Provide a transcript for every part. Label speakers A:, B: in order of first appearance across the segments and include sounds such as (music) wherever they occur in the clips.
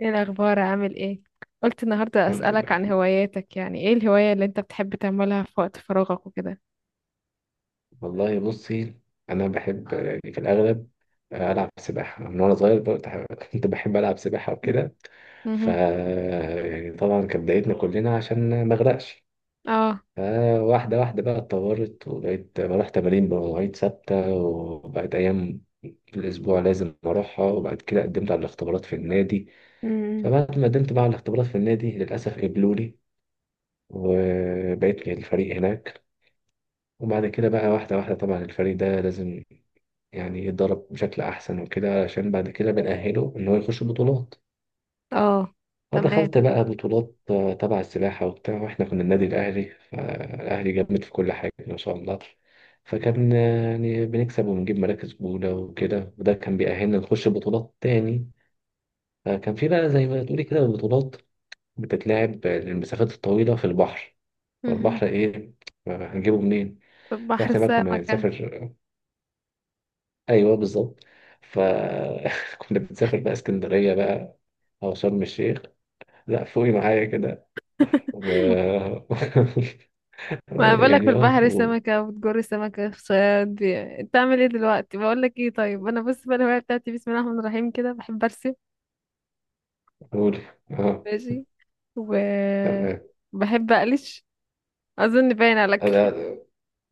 A: ايه الاخبار؟ عامل ايه؟ قلت النهارده
B: الحمد
A: اسالك
B: لله.
A: عن هواياتك. يعني ايه الهوايه اللي انت بتحب تعملها في وقت فراغك وكده؟
B: والله بصي، انا بحب في الاغلب. العب سباحه من وانا صغير بقى. كنت (laughs) كنت بحب العب سباحه وكده. ف
A: امم.
B: يعني طبعا كانت بدايتنا كلنا عشان ما اغرقش.
A: اه.
B: فواحده واحده بقى اتطورت وبقيت بروح تمارين بمواعيد ثابته وبقت ايام في الاسبوع لازم اروحها، وبعد كده قدمت على الاختبارات في النادي.
A: امم.
B: فبعد ما قدمت بقى على الاختبارات في النادي للاسف قبلوا لي وبقيت في الفريق هناك. وبعد كده بقى واحدة واحدة طبعا الفريق ده لازم يعني يتدرب بشكل أحسن وكده، عشان بعد كده بنأهله إن هو يخش بطولات.
A: اه، تمام.
B: فدخلت بقى بطولات تبع السباحة وبتاع، وإحنا كنا النادي الأهلي. فالأهلي جامد في كل حاجة ما شاء الله. فكان يعني بنكسب وبنجيب مراكز أولى وكده، وده كان بيأهلنا نخش بطولات تاني. فكان في بقى زي ما تقولي كده بطولات بتتلعب للمسافات الطويلة في البحر.
A: امم.
B: فالبحر إيه؟ هنجيبه منين؟
A: في البحر
B: فاحنا بقى كنا
A: سمكه.
B: نسافر. ايوه بالظبط. فكنا (laughs) بنسافر بقى اسكندريه بقى او شرم الشيخ. لا فوقي معايا كده. و
A: (laughs)
B: (laughs)
A: ما أنا بقولك في
B: يعني اه
A: البحر سمكه وبتجر سمكه في صياد دي. بتعمل ايه دلوقتي؟ بقولك ايه، طيب انا بص بقى، الهوايه بتاعتي، بسم الله الرحمن الرحيم، كده بحب ارسم.
B: قول. اه،
A: ماشي.
B: تمام.
A: وبحب اقلش. اظن باين عليك.
B: انا،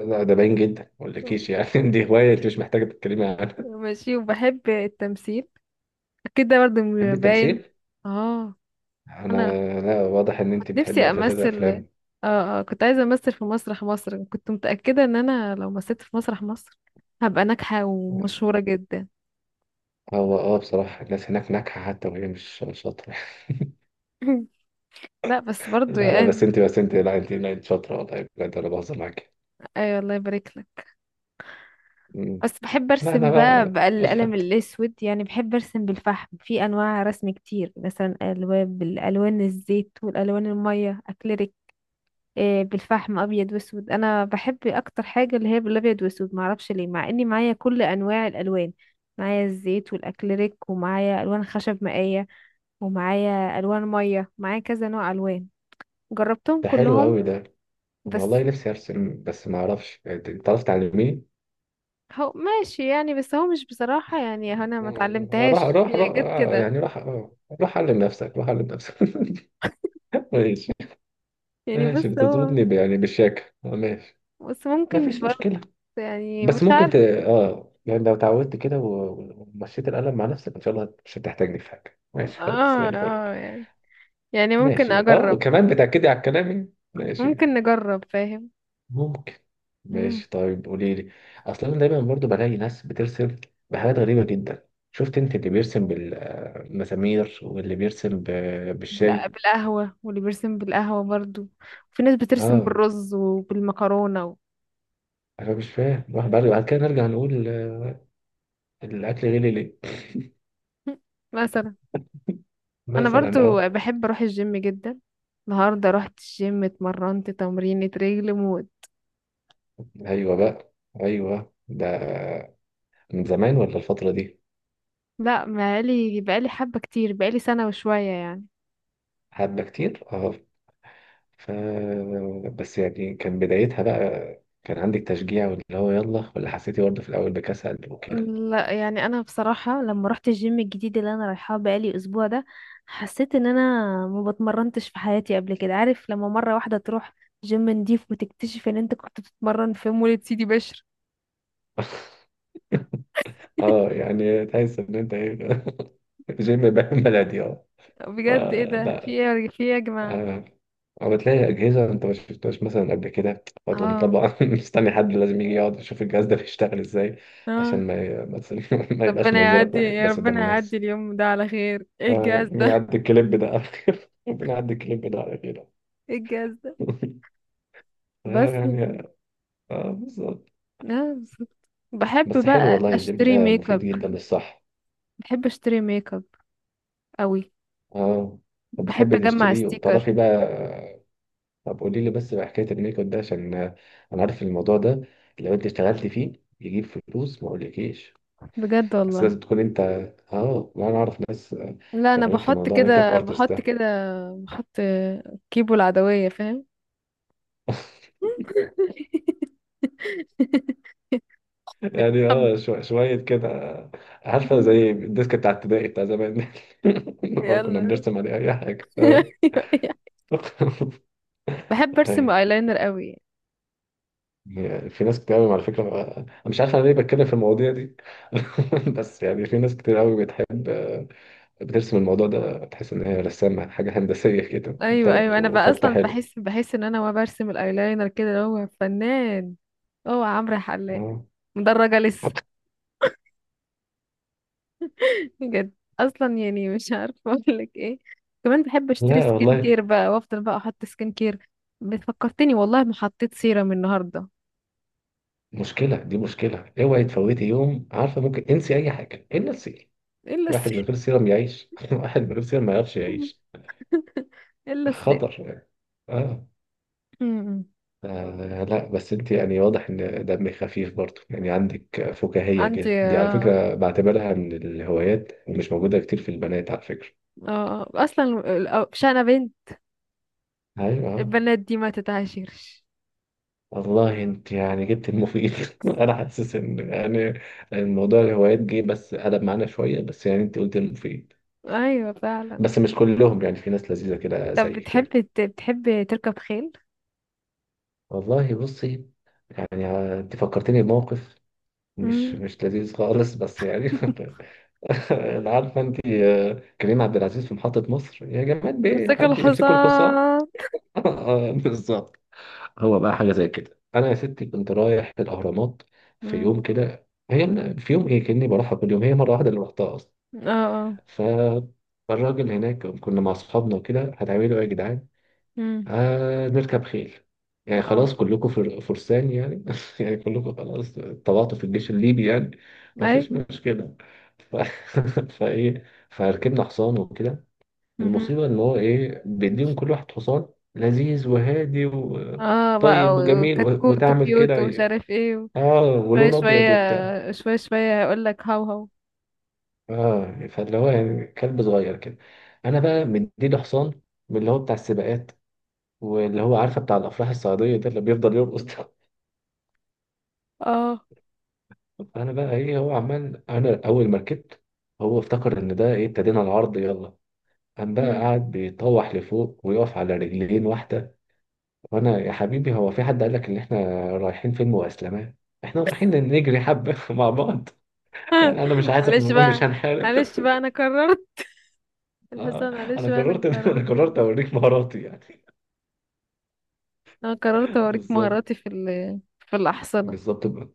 B: لا ده باين جدا ما اقولكيش يعني. (laughs) دي هوايه انت مش محتاجه تتكلمي
A: (laughs)
B: عنها.
A: ماشي. وبحب التمثيل. اكيد ده برضه
B: تحبي
A: باين.
B: التمثيل؟
A: اه.
B: انا،
A: انا
B: لا واضح ان
A: كنت
B: انت
A: نفسي
B: بتحبي قفشات
A: امثل.
B: الافلام.
A: اه، اه، كنت عايزه امثل في مسرح مصر. كنت متاكده ان انا لو مثلت في مسرح مصر هبقى ناجحه ومشهوره جدا.
B: هو اه بصراحه الناس هناك ناجحه حتى وهي مش شاطره.
A: (laughs) لا بس
B: (laughs)
A: برضه
B: لا لا بس
A: يعني.
B: انت، بس انت، لا انت، لا انت شاطره والله بجد، انا بهزر معاكي.
A: اي الله يبارك لك.
B: مم.
A: بس بحب
B: لا انا
A: ارسم بقى
B: بقى
A: بالقلم
B: اشحت.
A: الاسود، يعني بحب ارسم بالفحم. في انواع رسم كتير، مثلا الوان، بالالوان الزيت والالوان الميه، اكليريك. بالفحم ابيض واسود، انا بحب اكتر حاجه اللي هي بالابيض واسود. معرفش ليه، مع اني معايا كل انواع الالوان. معايا الزيت والاكليريك، ومعايا الوان خشب مائيه، ومعايا الوان ميه، معايا كذا نوع الوان. جربتهم
B: ده حلو
A: كلهم.
B: قوي ده. انا والله
A: بس
B: نفسي ارسم بس ما اعرفش انت، أنت تعرف تعلميني.
A: هو ماشي يعني، بس هو مش بصراحه، يعني انا ما
B: راح
A: اتعلمتهاش،
B: راح
A: هي
B: راح
A: جت كده.
B: يعني راح، راح علم نفسك، راح علم نفسك. (laughs) ماشي.
A: يعني
B: ماشي
A: بس هو.
B: بتضربني يعني بالشاكة. ماشي.
A: بس
B: ما
A: ممكن
B: فيش
A: برضه.
B: مشكلة.
A: يعني مش
B: بس ممكن
A: عارف.
B: ت... اه يعني لو اتعودت كده ومشيت القلم مع نفسك ان شاء الله مش هتحتاجني في حاجة. ماشي خلاص زي
A: اه،
B: الفل.
A: اه، يعني. يعني ممكن
B: ماشي اه
A: اجرب.
B: كمان بتأكدي على كلامي. ماشي.
A: ممكن نجرب فاهم.
B: ممكن.
A: مم.
B: ماشي طيب قولي لي. اصل انا دايما برضو بلاقي ناس بترسم بحاجات غريبه جدا. شفت انت اللي بيرسم بالمسامير واللي بيرسم بالشاي.
A: بالقهوة، واللي بيرسم بالقهوة برضو. وفي ناس بترسم
B: اه.
A: بالرز وبالمكرونة و...
B: انا مش فاهم واحد، بعد كده نرجع نقول، الاكل غلي ليه؟
A: (laughs) مثلا. أنا
B: مثلا اه.
A: برضو بحب أروح الجيم جدا. النهاردة رحت الجيم، اتمرنت تمرينة رجل موت.
B: ايوه بقى، ايوه ده من زمان ولا الفتره دي؟
A: لا، بقالي بقالي حبة كتير، بقالي سنة وشوية يعني.
B: حبه كتير اه. ف بس يعني كان بدايتها بقى كان عندك تشجيع واللي هو يلا، ولا حسيتي برضه في الاول بكسل وكده؟
A: لا يعني، أنا بصراحة لما رحت الجيم الجديد اللي أنا رايحاه بقالي أسبوع ده، حسيت إن أنا ما بتمرنتش في حياتي قبل كده. عارف لما مرة واحدة تروح جيم نضيف وتكتشف إن أنت كنت بتتمرن في مولد سيدي بشر؟ (laughs)
B: اه يعني تحس ان انت ايه. (laughs) جيم بقى بلدي اه.
A: بجد، ايه ده؟ في
B: فلا.
A: ايه؟ في ايه يا جماعة؟
B: آه، او تلاقي اجهزه انت ما شفتهاش مثلا قبل كده، فتقوم
A: اه،
B: طبعا (laughs) مستني حد لازم يجي يقعد يشوف الجهاز ده بيشتغل ازاي،
A: اه.
B: عشان ما بس (laughs) ما يبقاش
A: ربنا
B: منظرك
A: يعدي،
B: وحش
A: يا
B: بس قدام
A: ربنا يعدي
B: الناس.
A: اليوم ده على خير. ايه الجهاز ده؟
B: بنعدي الكليب ده على خير. (laughs) بنعدي الكليب ده على خير.
A: (laughs) ايه الجهاز ده؟
B: (laughs) آه،
A: بس.
B: يعني اه بالظبط.
A: اه بالظبط. بحب
B: بس حلو
A: بقى
B: والله الجيم
A: اشتري
B: ده
A: ميك
B: مفيد
A: اب.
B: جدا للصحه.
A: بحب اشتري ميك اب قوي.
B: اه. طب
A: بحب
B: بتحب
A: اجمع
B: تشتريه
A: ستيكر.
B: وتعرفي بقى. طب قولي لي بس بقى حكاية الميك اب ده، عشان أنا عارف الموضوع ده لو أنت اشتغلت فيه يجيب فلوس ما أقولكيش.
A: بجد
B: بس
A: والله.
B: لازم تكون أنت، آه أنا أعرف ناس
A: لا، انا
B: شغالين في
A: بحط
B: موضوع ميك اب
A: كده،
B: أرتست
A: بحط
B: ده.
A: كده، بحط كيبو العدوية فاهم.
B: (laughs)
A: (laughs)
B: يعني آه شوية كده. عارفة زي الديسك بتاع ابتدائي بتاع زمان؟ (laughs) هو كنا
A: يلا.
B: بنرسم عليه أي حاجة آه.
A: (laughs)
B: (laughs)
A: بحب ارسم
B: هاي.
A: ايلاينر قوي.
B: يعني في ناس كتير قوي على فكرة، أنا مش عارف أنا ليه بتكلم في المواضيع دي. (laughs) بس يعني في ناس كتير قوي بتحب بترسم الموضوع ده تحس إن هي رسامة حاجة هندسية. (laughs) كده
A: ايوه، ايوه، انا
B: بتاخده
A: بقى
B: خط
A: اصلا
B: حلو.
A: بحس بحس ان انا وانا برسم الايلاينر كده اللي هو فنان. هو عمرو حلاق.
B: آه.
A: مدرجه لسه. (laughs) بجد. اصلا يعني مش عارفه (laughs) اقول لك ايه. كمان بحب اشتري
B: لا
A: سكين
B: والله.
A: كير بقى، وافضل بقى احط سكين كير. بتفكرتني، والله ما حطيت سيرم النهارده.
B: مشكلة دي مشكلة، اوعي تفوتي يوم. عارفة ممكن انسي أي حاجة إلا السيرم.
A: الا
B: واحد
A: السيرم.
B: من غير سيرم يعيش؟ (laughs) واحد من غير سيرم ما يعرفش يعيش.
A: (laughs) الا السيرم.
B: خطر يعني. آه.
A: أمم.
B: آه لا بس انت يعني واضح ان دمك خفيف برضه، يعني عندك فكاهية
A: عندي،
B: كده دي على
A: اه.
B: فكرة بعتبرها من الهوايات ومش موجودة كتير في البنات على فكرة.
A: اه. آه. اصلا شانا بنت.
B: ايوه آه.
A: البنات دي ما تتعاشرش.
B: والله انت يعني جبت المفيد. (laughs) انا حاسس ان يعني الموضوع الهوايات جه بس قلب معانا شويه، بس يعني انت قلت المفيد.
A: ايوه فعلا.
B: بس مش كلهم، يعني في ناس لذيذه كده
A: طب
B: زيك
A: بتحب
B: يعني.
A: بتحب تركب خيل؟
B: والله بصي، يعني انت فكرتني بموقف مش
A: مم.
B: مش لذيذ خالص بس يعني. (laughs)
A: (laughs)
B: انا عارفه انت، كريم عبد العزيز في محطه مصر يا جماعه بيه
A: امسك
B: حد يمسكوا الحصان.
A: الحصان.
B: (laughs) بالظبط. هو بقى حاجة زي كده، أنا يا ستي كنت رايح الأهرامات في
A: مم.
B: يوم كده، هي في يوم إيه كأني بروحها كل يوم، هي مرة واحدة اللي روحتها أصلا.
A: اه، اه.
B: فالراجل هناك كنا مع أصحابنا وكده، هتعملوا إيه يا جدعان؟
A: مم.
B: آه نركب خيل. يعني
A: اه.
B: خلاص كلكم فرسان يعني. (laughs) يعني كلكم خلاص طلعتوا في الجيش الليبي يعني.
A: اي.
B: مفيش مشكلة. ف... (laughs) فإيه، فركبنا حصان وكده.
A: مهم.
B: المصيبة إن هو إيه، بيديهم كل واحد حصان لذيذ وهادي
A: اه بقى،
B: وطيب وجميل
A: وكتكوت
B: وتعمل
A: وكيوت
B: كده
A: ومش
B: ي-
A: عارف ايه.
B: آه،
A: شوية
B: ولون أبيض وبتاع.
A: شوية شوية شوية هقول لك هاو هاو.
B: آه فاللي هو يعني كلب صغير كده. أنا بقى مديله حصان من اللي هو بتاع السباقات، واللي هو عارفة بتاع الأفراح الصعيدية ده اللي بيفضل يرقص ده.
A: اه.
B: (laughs) أنا بقى إيه، هو عمال، أنا أول ما ركبت هو افتكر إن ده إيه ابتدينا العرض يلا. قام بقى
A: مم.
B: قاعد بيطوح لفوق ويقف على رجلين واحدة. وانا يا حبيبي، هو في حد قال لك ان احنا رايحين فيلم واسلامات؟ احنا رايحين نجري حبه (laughs) مع بعض، يعني انا مش
A: (laughs)
B: عايزك
A: معلش
B: مش
A: بقى.
B: هنحارب.
A: معلش بقى انا قررت.
B: (laughs) آه،
A: الحصان
B: انا
A: معلش بقى انا
B: قررت. (laughs) انا
A: قررت.
B: قررت اوريك مهاراتي يعني.
A: انا قررت
B: (laughs)
A: اوريك
B: بالظبط.
A: مهاراتي في ال... في الأحصنة.
B: بالظبط بقى.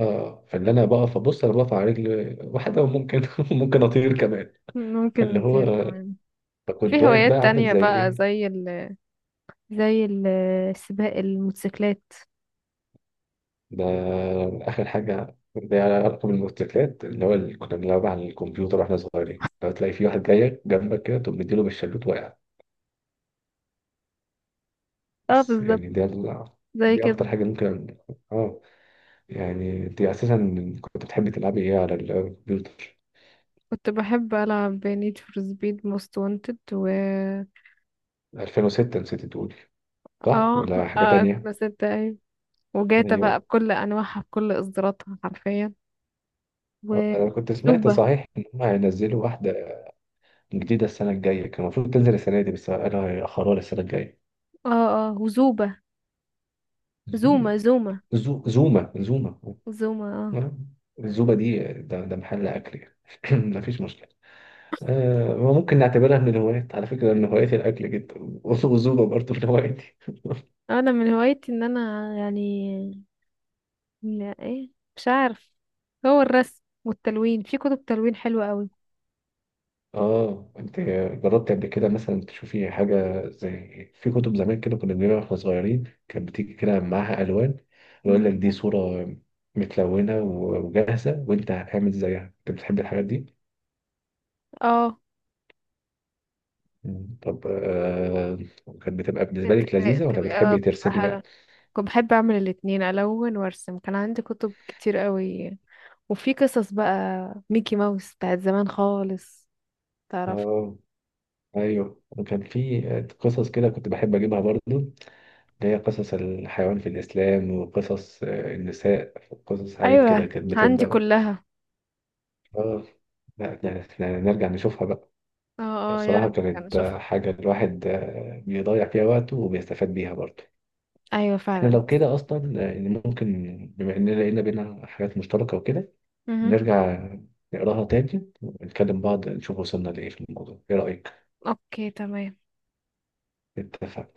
B: اه فاللي انا بقف ابص انا بقف على رجل واحده، وممكن (laughs) ممكن اطير كمان.
A: ممكن
B: اللي
A: نطير
B: هو
A: كمان.
B: فكنت
A: في
B: واقف بقى
A: هوايات
B: عامل
A: تانية
B: زي
A: بقى
B: ايه.
A: زي ال... زي سباق الموتوسيكلات.
B: ده اخر حاجه ده، على رقم الموتوسيكلات اللي هو اللي كنا بنلعب على الكمبيوتر واحنا صغيرين، لو تلاقي في واحد جاي جنبك كده تقوم مديله بالشلوت واقع.
A: اه
B: بس
A: بالظبط.
B: يعني ده
A: زي
B: دي اكتر
A: كده.
B: حاجه ممكن اه، يعني دي اساسا. كنت بتحبي تلعبي ايه على الكمبيوتر؟
A: كنت بحب ألعب نيد فور سبيد موست وانتد و
B: 2006 نسيت تقولي، صح
A: اه
B: ولا حاجه
A: اه
B: تانية؟
A: 2006 أيوة. وجاتا
B: ايوه
A: بقى بكل أنواعها بكل إصداراتها حرفيا.
B: انا كنت سمعت
A: وزوبا.
B: صحيح ان هم هينزلوا واحده جديده السنه الجايه، كان المفروض تنزل السنه دي بس انا هيأخروها للسنه الجايه.
A: اه، اه، وزوبا. زوما
B: زوبا.
A: زوما.
B: زو... زوما زوما.
A: زوما.
B: آه، الزوبا دي ده, ده محل اكل يعني. (laughs) (clears throat) مفيش مشكله. آه ممكن نعتبرها من الهوايات على فكرة، أنا هوايتي الأكل جدا. (laughs) والزوبة برضه من هوايتي.
A: اه. أنا من هوايتي إن أنا يعني، لا إيه، مش عارف. هو الرسم والتلوين في كتب تلوين حلوة قوي.
B: اه انت جربت قبل كده مثلا تشوفي حاجه زي، في كتب زمان كده كنا بنجيبها واحنا صغيرين، كانت بتيجي كده معاها الوان ويقول
A: مم.
B: لك دي صوره متلونه وجاهزه وانت هتعمل زيها؟ انت بتحب الحاجات دي؟
A: اه.
B: مم. طب آه كانت بتبقى بالنسبه
A: كنت
B: لك لذيذه ولا
A: تبقى،
B: بتحبي
A: بتبقى
B: ترسمي
A: حلوة.
B: بقى؟
A: كنت بحب أعمل الاتنين، ألون وأرسم. كان عندي كتب كتير قوي. وفي قصص بقى ميكي ماوس بتاعت زمان خالص، تعرف.
B: اه ايوه، وكان في قصص كده كنت بحب اجيبها برضو، اللي هي قصص الحيوان في الاسلام وقصص النساء وقصص حاجات كده
A: ايوه
B: كانت
A: عندي
B: بتبقى.
A: كلها.
B: اه. لا يعني، يعني نرجع نشوفها بقى.
A: اه. اه
B: بصراحة
A: يعني كان
B: كانت
A: اشوفها.
B: حاجة الواحد بيضيع فيها وقته وبيستفاد بيها برضه.
A: ايوه
B: احنا
A: فعلا.
B: لو كده اصلا يعني ممكن، بما اننا لقينا بينا حاجات مشتركة وكده،
A: مهم.
B: نرجع نقراها تاني ونكلم بعض نشوف وصلنا لإيه في الموضوع، ايه رأيك؟
A: اوكي تمام.
B: اتفقنا.